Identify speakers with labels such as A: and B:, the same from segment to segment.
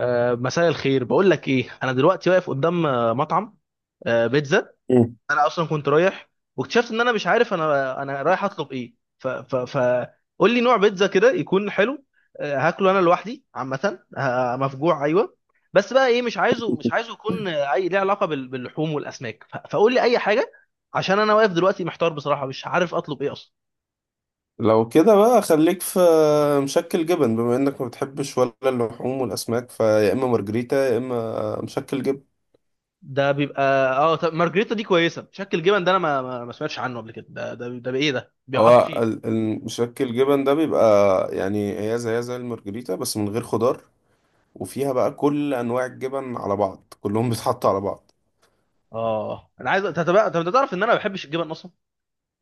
A: مساء الخير، بقول لك ايه، انا دلوقتي واقف قدام مطعم بيتزا.
B: مم.
A: انا اصلا كنت رايح، واكتشفت ان انا مش عارف انا رايح اطلب ايه. ف ف ف قول لي نوع بيتزا كده يكون حلو. هاكله انا لوحدي عامه، مفجوع ايوه. بس بقى ايه، مش عايزه يكون اي ليه علاقه باللحوم والاسماك. فقول لي اي حاجه، عشان انا واقف دلوقتي محتار بصراحه، مش عارف اطلب ايه اصلا.
B: لو كده بقى خليك في مشكل جبن، بما انك ما بتحبش ولا اللحوم والاسماك، فيا اما مارجريتا يا اما مشكل جبن.
A: ده بيبقى اه. طب مارجريتا دي كويسه. شكل الجبن ده انا ما سمعتش عنه قبل كده. ده بايه، ده بيحط
B: هو
A: فيه؟
B: المشكل جبن ده بيبقى يعني هي زي المارجريتا بس من غير خضار، وفيها بقى كل انواع الجبن على بعض كلهم بيتحطوا على بعض
A: اه انا عايز، انت تعرف ان انا ما بحبش الجبن اصلا،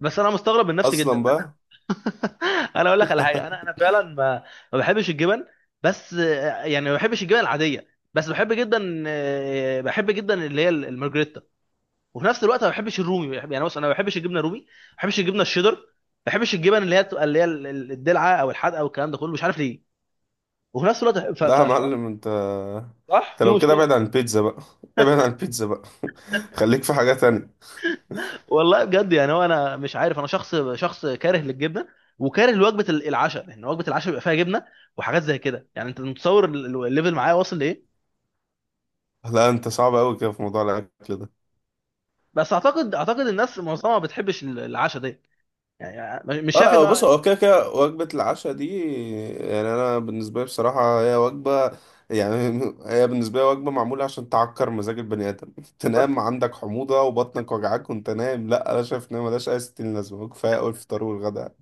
A: بس انا مستغرب من نفسي جدا
B: اصلا
A: ان انا
B: بقى.
A: انا اقول لك على حاجه، انا انا فعلا ما بحبش الجبن. بس يعني ما بحبش الجبن العاديه، بس بحب جدا، بحب جدا اللي هي المارجريتا. وفي نفس الوقت ما بحبش الرومي. يعني بص، انا ما بحبش الجبنه الرومي، ما بحبش الجبنه الشيدر، ما بحبش الجبن اللي هي بتبقى اللي هي الدلعه او الحادقه والكلام ده كله، مش عارف ليه. وفي نفس الوقت
B: لا يا
A: فالحوار
B: معلم انت
A: صح،
B: انت
A: في
B: لو كده
A: مشكله.
B: ابعد عن البيتزا بقى. ابعد عن البيتزا بقى خليك في حاجة تانية.
A: والله بجد، يعني هو انا مش عارف، انا شخص كاره للجبنه وكاره لوجبه العشاء، لان وجبه العشاء بيبقى فيها جبنه وحاجات زي كده. يعني انت متصور الليفل معايا واصل لايه؟
B: لا انت صعب قوي كده في موضوع الاكل ده.
A: بس اعتقد الناس معظمها ما بتحبش العشاء ده، يعني مش
B: اه
A: شايف ان
B: لا، بص هو كده كده وجبة العشاء دي، يعني انا بالنسبة لي بصراحة هي وجبة، يعني هي بالنسبة لي وجبة معمولة عشان تعكر مزاج البني ادم تنام عندك حموضة وبطنك وجعاك وانت نايم. لا انا شايف ان هي ملهاش اي ستين لازمة، كفاية اول الفطار والغداء.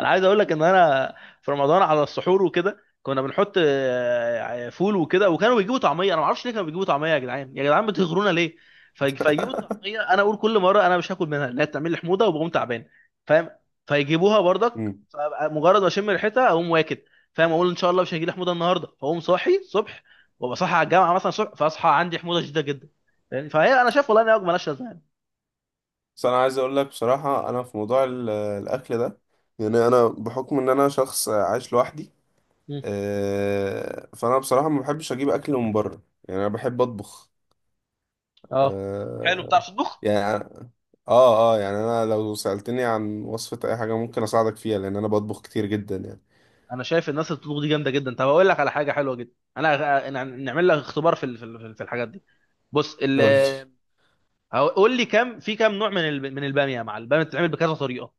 A: انا عايز اقول لك ان انا في رمضان، على السحور وكده، كنا بنحط فول وكده، وكانوا بيجيبوا طعميه. انا ما اعرفش ليه كانوا بيجيبوا طعميه. يا جدعان يا جدعان، بتغرونا ليه؟ فيجيبوا الطعميه، انا اقول كل مره انا مش هاكل منها، لا بتعمل لي حموضه وبقوم تعبان، فاهم؟ فيجيبوها برضك،
B: امم.
A: فأبقى مجرد ما اشم ريحتها اقوم واكل. فاهم؟ اقول ان شاء الله مش هيجي لي حموضه النهارده، فاقوم صاحي الصبح، وابقى صاحي على الجامعه مثلا الصبح، فاصحى عندي حموضه شديده جدا. فاهم؟ فهي انا شايف والله ان هي وجبه مالهاش لازمه يعني.
B: بس انا عايز اقول لك بصراحة، انا في موضوع الاكل ده، يعني انا بحكم ان انا شخص عايش لوحدي،
A: مم.
B: فانا بصراحة ما بحبش اجيب اكل من بره، يعني انا بحب اطبخ.
A: اه، حلو،
B: آه
A: بتعرف تطبخ.
B: يعني اه يعني انا لو سألتني عن وصفة اي حاجة ممكن اساعدك فيها، لان انا بطبخ كتير جدا يعني.
A: انا شايف الناس اللي بتطبخ دي جامده جدا. طب اقول لك على حاجه حلوه جدا، انا أنا- نعمل لك اختبار في في الحاجات دي. بص
B: قول لي
A: قول لي كم كم نوع من من الباميه، يا معلم. الباميه بتتعمل بكذا طريقه،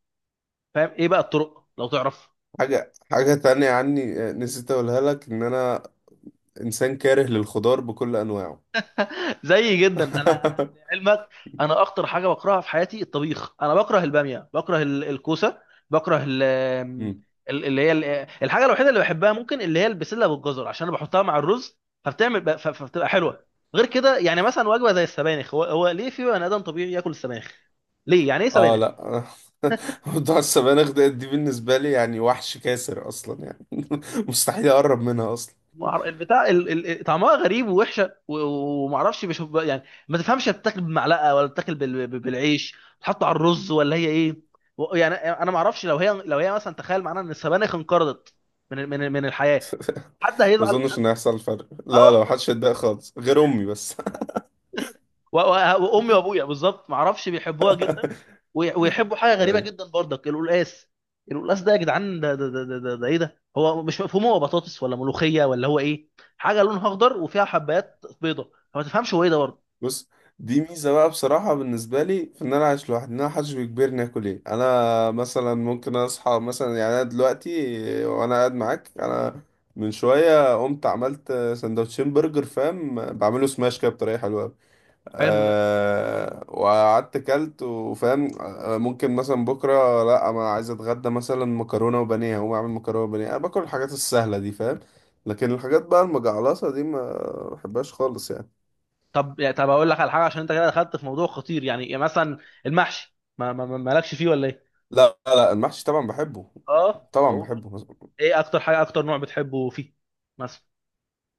A: فاهم؟ ايه بقى الطرق لو تعرف؟
B: حاجة تانية عني، نسيت اقولها لك، ان انا انسان كاره للخضار بكل انواعه.
A: زي جدا، انا لعلمك انا اكتر حاجه بكرهها في حياتي الطبيخ. انا بكره الباميه، بكره الكوسه، بكره
B: مم.
A: ال- اللي هي ال- الحاجه الوحيده اللي بحبها ممكن اللي هي البسله بالجزر، عشان انا بحطها مع الرز، فبتعمل فبتبقى حلوه. غير كده يعني مثلا وجبه زي السبانخ، هو ليه في بني ادم طبيعي ياكل السبانخ؟ ليه يعني؟ ايه
B: اه
A: سبانخ؟
B: لا، موضوع السبانخ ده، دي بالنسبة لي يعني وحش كاسر اصلا يعني، مستحيل اقرب منها اصلا.
A: مع- البتاع ال- ال- ال- طعمها غريب ووحشه، ومعرفش، يعني ما تفهمش بتاكل بمعلقه ولا بتاكل بالعيش تحطه على الرز، ولا هي ايه؟ يعني انا ما اعرفش، لو هي لو هي مثلا تخيل معانا ان السبانخ انقرضت من من الحياه، حد
B: ما
A: هيزعل؟
B: اظنش
A: حد
B: ان هيحصل فرق، لا لا،
A: اه
B: محدش هيتضايق خالص غير امي بس.
A: وامي وابويا بالظبط، ما اعرفش بيحبوها جدا. ويحبوا حاجه غريبه جدا برضك، القلقاس. القلقاس ده يا جدعان ده ايه ده؟ هو مش مفهوم، هو بطاطس ولا ملوخيه ولا هو ايه؟ حاجه لونها اخضر وفيها حبات بيضه، فما تفهمش هو ايه ده برضه.
B: بص، دي ميزة بقى بصراحة بالنسبة لي، في إن أنا عايش لوحدي، إن أنا محدش بيجبرني آكل إيه. أنا مثلا ممكن أصحى مثلا، يعني أنا دلوقتي وأنا قاعد معاك، أنا من شوية قمت عملت سندوتشين برجر، فاهم، بعمله سماش كده بطريقة حلوة أوي.
A: حلو ده.
B: أه، وقعدت كلت وفاهم. ممكن مثلا بكرة لأ، أنا عايز أتغدى مثلا مكرونة وبانيه، هقوم أعمل مكرونة وبانيه. أنا باكل الحاجات السهلة دي فاهم، لكن الحاجات بقى المجعلصة دي ما بحبهاش خالص يعني.
A: طب يعني، طب اقول لك على حاجه، عشان انت كده دخلت في موضوع خطير يعني. يعني مثلا المحشي مالكش فيه ولا ايه؟
B: لا لا، المحشي طبعا بحبه،
A: اه، طب
B: طبعا
A: اقول برضه،
B: بحبه.
A: ايه اكتر حاجه، اكتر نوع بتحبه فيه مثلا؟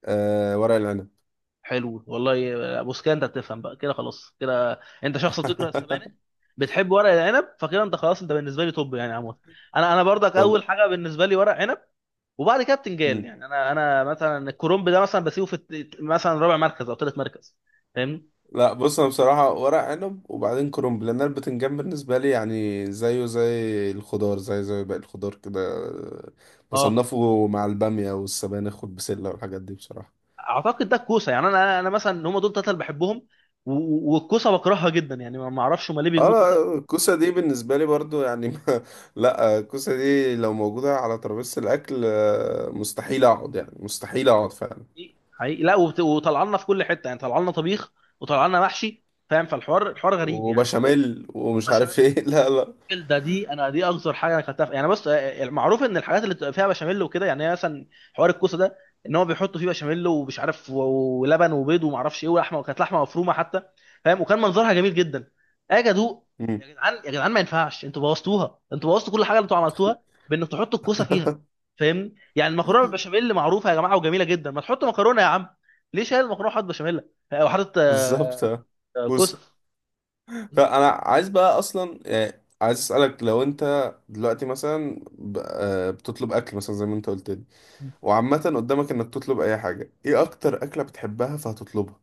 B: آه، ورق العنب.
A: حلو والله. بص كده انت بتفهم بقى، كده خلاص كده انت شخص بتكره السبانخ، بتحب ورق العنب، فكده انت خلاص انت بالنسبه لي توب، يعني عموما انا برضك اول
B: طب.
A: حاجه بالنسبه لي ورق عنب، وبعد كده بتنجان.
B: مم.
A: يعني انا مثلا الكرنب ده مثلا بسيبه في مثلا رابع مركز او ثالث مركز، فاهمني؟
B: لا بص، انا بصراحه ورق عنب وبعدين كرنب، لان أنا البتنجان بالنسبه لي يعني زيه زي الخضار، زي باقي الخضار كده. آه،
A: اه،
B: بصنفه مع الباميه والسبانخ والبسله والحاجات دي بصراحه.
A: اعتقد ده الكوسه. يعني انا مثلا هم دول ثلاثه اللي بحبهم، والكوسه بكرهها جدا، يعني ما اعرفش هم ليه
B: اه
A: بيجيبوا الكوسه.
B: لا، الكوسه دي بالنسبه لي برضو يعني ما، لا الكوسه دي لو موجوده على ترابيزه الاكل، مستحيل اقعد، يعني مستحيل اقعد فعلا،
A: حقيقي حقيقي. لا وطلعنا في كل حته يعني، طلعنا طبيخ، وطلعنا محشي، فاهم؟ فالحوار غريب يعني.
B: وبشاميل ومش
A: بشاميل.
B: عارف ايه. لا لا.
A: ده دي انا دي اكتر حاجه اكلتها يعني بص، المعروف ان الحاجات اللي بتبقى فيها بشاميل وكده، يعني هي مثلا حوار الكوسه ده ان هو بيحطوا فيه بشاميل ومش عارف ولبن وبيض، وما اعرفش ايه، ولحمه، وكانت لحمه مفرومه حتى، فاهم؟ وكان منظرها جميل جدا. اجي ادوق،
B: مم.
A: يا جدعان يا جدعان، ما ينفعش، انتوا بوظتوها، انتوا بوظتوا كل حاجه اللي انتوا عملتوها بانك تحطوا الكوسه فيها، فاهمني؟ يعني المكرونه بالبشاميل معروفه يا جماعه وجميله جدا، ما تحطوا مكرونه يا عم. ليه شايل المكرونه وحاطط بشاميل، وحاطط
B: بالظبط آه.
A: كوسه؟
B: بص، فانا عايز بقى اصلا يعني عايز اسالك، لو انت دلوقتي مثلا بتطلب اكل مثلا زي ما انت قلت لي، وعامه قدامك انك تطلب اي حاجه، ايه اكتر اكله بتحبها فهتطلبها؟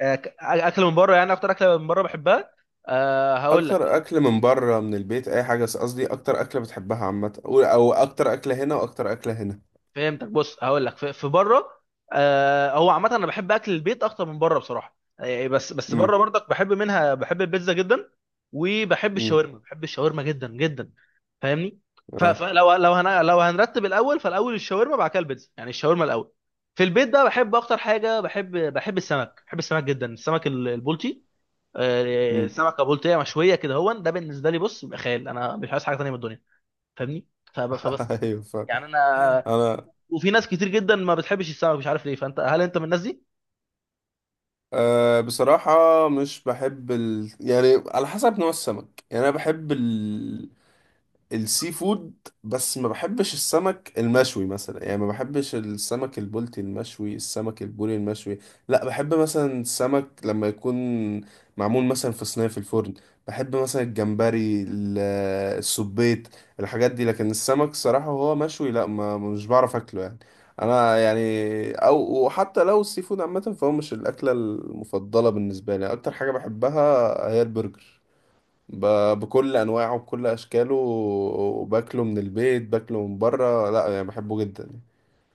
A: اكل من بره يعني، اكتر اكله من بره بحبها؟ أه هقول
B: اكتر
A: لك.
B: اكل من بره من البيت اي حاجه، بس قصدي اكتر اكله بتحبها عامه، او اكتر اكله هنا واكتر اكله هنا.
A: فهمتك، بص هقول لك. في بره، أه هو عامه انا بحب اكل البيت اكتر من بره بصراحه، بس بس بره
B: امم.
A: برضك بحب منها، بحب البيتزا جدا، وبحب
B: امم.
A: الشاورما، بحب الشاورما جدا جدا، فاهمني؟ ف-
B: اه.
A: فلو لو هن لو هنرتب الاول فالاول، الشاورما بعد كده البيتزا، يعني الشاورما الاول. في البيت بقى بحب اكتر حاجه، بحب السمك، بحب السمك جدا، السمك البلطي.
B: امم.
A: سمكه بلطيه مشويه كده، هو ده بالنسبه لي بص بيبقى خيال، انا مش عايز حاجه تانيه من الدنيا، فاهمني؟ فبس
B: ايوه فاهم.
A: يعني انا.
B: انا
A: وفي ناس كتير جدا ما بتحبش السمك، مش عارف ليه. فانت هل انت من الناس دي؟
B: أه بصراحة مش بحب يعني على حسب نوع السمك، يعني أنا بحب السي فود، بس ما بحبش السمك المشوي مثلا، يعني ما بحبش السمك البلطي المشوي، السمك البوري المشوي. لا بحب مثلا السمك لما يكون معمول مثلا في صينية في الفرن، بحب مثلا الجمبري، السبيط، الحاجات دي. لكن السمك صراحة وهو مشوي لا، ما مش بعرف اكله يعني. انا يعني او، وحتى لو السي فود عامة فهو مش الاكلة المفضلة بالنسبة لي. اكتر حاجة بحبها هي البرجر، بكل انواعه وبكل اشكاله، وباكله من البيت، باكله من بره، لا يعني بحبه جدا.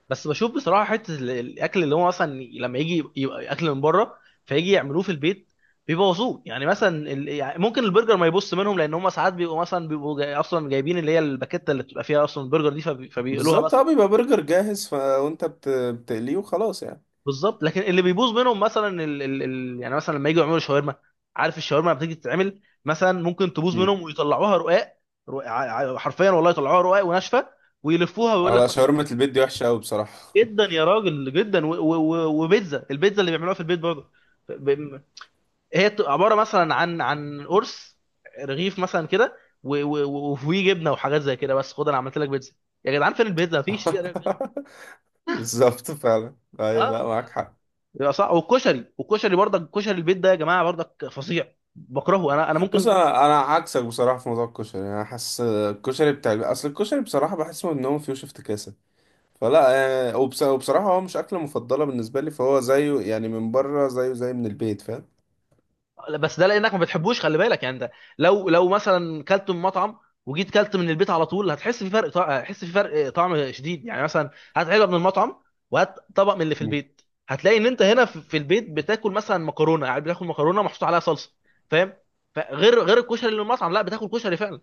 A: بس بشوف بصراحه، حته الاكل اللي هو مثلا لما يجي يبقى اكل من بره، فيجي يعملوه في البيت، بيبوظوه. يعني مثلا يعني ممكن البرجر ما يبص منهم، لان هم ساعات بيبقوا مثلا بيبقوا جاي اصلا جايبين اللي هي الباكيته اللي بتبقى فيها اصلا البرجر دي، فبيقلوها
B: بالظبط
A: بس.
B: اه، بيبقى برجر جاهز وانت بتقليه وخلاص يعني.
A: بالظبط. لكن اللي بيبوظ منهم مثلا يعني مثلا لما يجوا يعملوا شاورما، عارف الشاورما لما بتيجي تتعمل، مثلا ممكن تبوظ
B: مم.
A: منهم ويطلعوها رقاق، حرفيا والله يطلعوها رقاق وناشفه ويلفوها ويقول لك
B: على
A: خد شاورما.
B: شاورما البيت دي وحشة أوي بصراحة.
A: جدا يا راجل جدا. وبيتزا، البيتزا اللي بيعملوها في البيت برضه، ب... هي بتبقى عباره مثلا عن قرص، رغيف مثلا كده، وفيه جبنه وحاجات زي كده، بس خد انا عملت لك بيتزا. يا جدعان فين البيتزا، مفيش ليه بيتزا؟
B: بالظبط، فعلا
A: اه
B: أيوة، لا
A: آه.
B: معاك حق.
A: يا صح، والكشري، والكشري برضك، كشري البيت ده يا جماعه برضك فظيع، بكرهه انا. انا
B: بص،
A: ممكن ممكن
B: أنا عكسك بصراحة في موضوع الكشري، أنا حاسس الكشري بتاع البيت، أصل الكشري بصراحة بحس إن هو فيه افتكاسة، فلا، يعني وبصراحة هو مش أكلة مفضلة بالنسبة لي، فهو زيه يعني من بره زيه زي من البيت فاهم.
A: بس ده لانك ما بتحبوش، خلي بالك يعني. ده لو لو مثلا كلت من مطعم، وجيت كلت من البيت على طول، هتحس في فرق هتحس في فرق طعم شديد. يعني مثلا هات علبه من المطعم، وهات طبق من اللي في البيت، هتلاقي ان انت هنا في البيت بتاكل مثلا مكرونه، يعني بتاكل مكرونه محطوط عليها صلصه، فاهم؟ فغير غير غير الكشري اللي من المطعم، لا بتاكل كشري فعلا.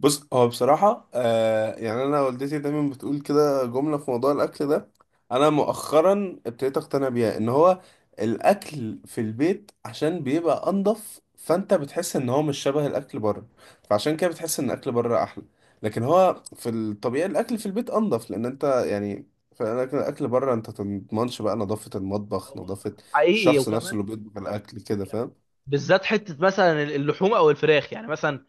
B: بص هو بصراحة يعني أنا والدتي دايما بتقول كده جملة في موضوع الأكل ده، أنا مؤخرا ابتديت أقتنع بيها، إن هو الأكل في البيت عشان بيبقى أنضف، فأنت بتحس إن هو مش شبه الأكل بره، فعشان كده بتحس إن الأكل بره أحلى، لكن هو في الطبيعي الأكل في البيت أنضف، لأن أنت يعني فالأكل بره أنت تضمنش بقى نظافة المطبخ،
A: هو
B: نظافة
A: حقيقي،
B: الشخص نفسه
A: وكمان
B: اللي بيطبخ الأكل كده
A: يعني
B: فاهم؟
A: بالذات حته مثلا اللحوم او الفراخ. يعني مثلا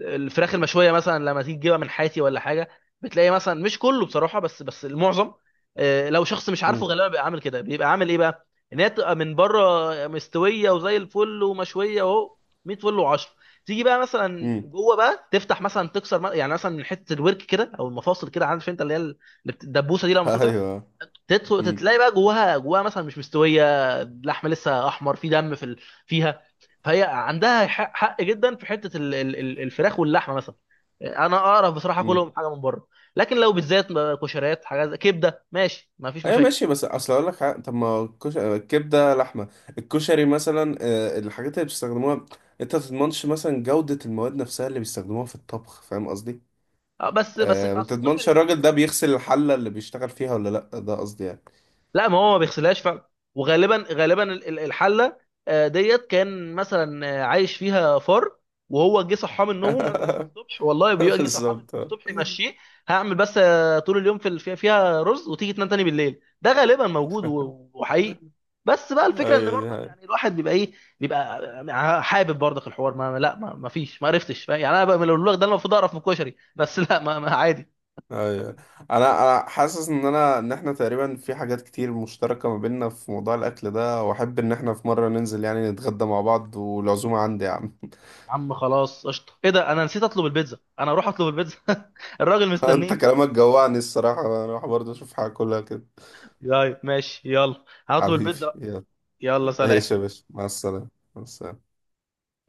A: الفراخ المشويه مثلا لما تيجي تجيبها من حياتي ولا حاجه، بتلاقي مثلا مش كله بصراحه بس بس المعظم، لو شخص مش عارفه،
B: مم.
A: غالبا بيبقى عامل كده، بيبقى عامل ايه بقى؟ ان هي تبقى من بره مستويه وزي الفل ومشويه اهو 100 فل و10، تيجي بقى مثلا
B: مم.
A: جوه بقى تفتح مثلا تكسر يعني مثلا من حته الورك كده او المفاصل كده، عارف انت اللي هي الدبوسه دي لما تقطع،
B: أيوه.
A: تدخل
B: مم.
A: تلاقي بقى جواها، جواها مثلا مش مستويه، اللحم لسه احمر، في دم في فيها. فهي عندها حق جدا في حته الفراخ واللحمه مثلا. انا اعرف بصراحه
B: مم.
A: كلهم حاجه من بره، لكن لو بالذات كشريات، حاجات كبده ماشي، ما فيش
B: ايوه
A: مشاكل.
B: ماشي، بس اصل اقول لك حاجة، طب ما الكبده لحمه، الكشري مثلا، الحاجات اللي بيستخدموها انت ما تضمنش مثلا جوده المواد نفسها اللي بيستخدموها في الطبخ، فاهم قصدي.
A: بس بس
B: ما
A: اصل
B: تضمنش
A: الكشري فاهم
B: الراجل ده
A: يعني.
B: بيغسل الحله اللي بيشتغل فيها ولا لا، ده قصدي يعني.
A: لا ما هو ما بيغسلهاش فعلا، وغالبا غالبا الحله ديت كان مثلا عايش فيها فار، وهو جه صحاه من نومه مثلا الصبح، والله بيبقى جه صحاه من نومه
B: بالظبط آه.
A: الصبح يمشيه، هعمل بس طول اليوم في فيها فيها رز، وتيجي تنام تاني بالليل، ده غالبا موجود وحقيقي. بس بقى الفكره ان
B: ايوه، دي
A: برضك
B: حقيقة.
A: يعني الواحد بيبقى ايه، بيبقى حابب برضك الحوار، ما فيش، ما عرفتش، فاهم؟ يعني انا بقى لو لك ده انا المفروض اعرف من الكشري، بس لا ما عادي.
B: ايوه، انا حاسس ان ان احنا تقريبا في حاجات كتير مشتركه ما بيننا في موضوع الاكل ده، واحب ان احنا في مره ننزل يعني نتغدى مع بعض، والعزومه عندي يا عم.
A: يا عم خلاص، قشطه. ايه ده انا نسيت اطلب البيتزا، انا اروح اطلب البيتزا الراجل
B: انت
A: مستنيني.
B: كلامك جوعني الصراحة، انا اروح برضه اشوف حاجة كلها كده.
A: طيب ماشي، يلا هطلب
B: حبيبي
A: البيتزا.
B: يلا.
A: يلا سلام.
B: ماشي يا باشا، مع السلامة. مع السلامة.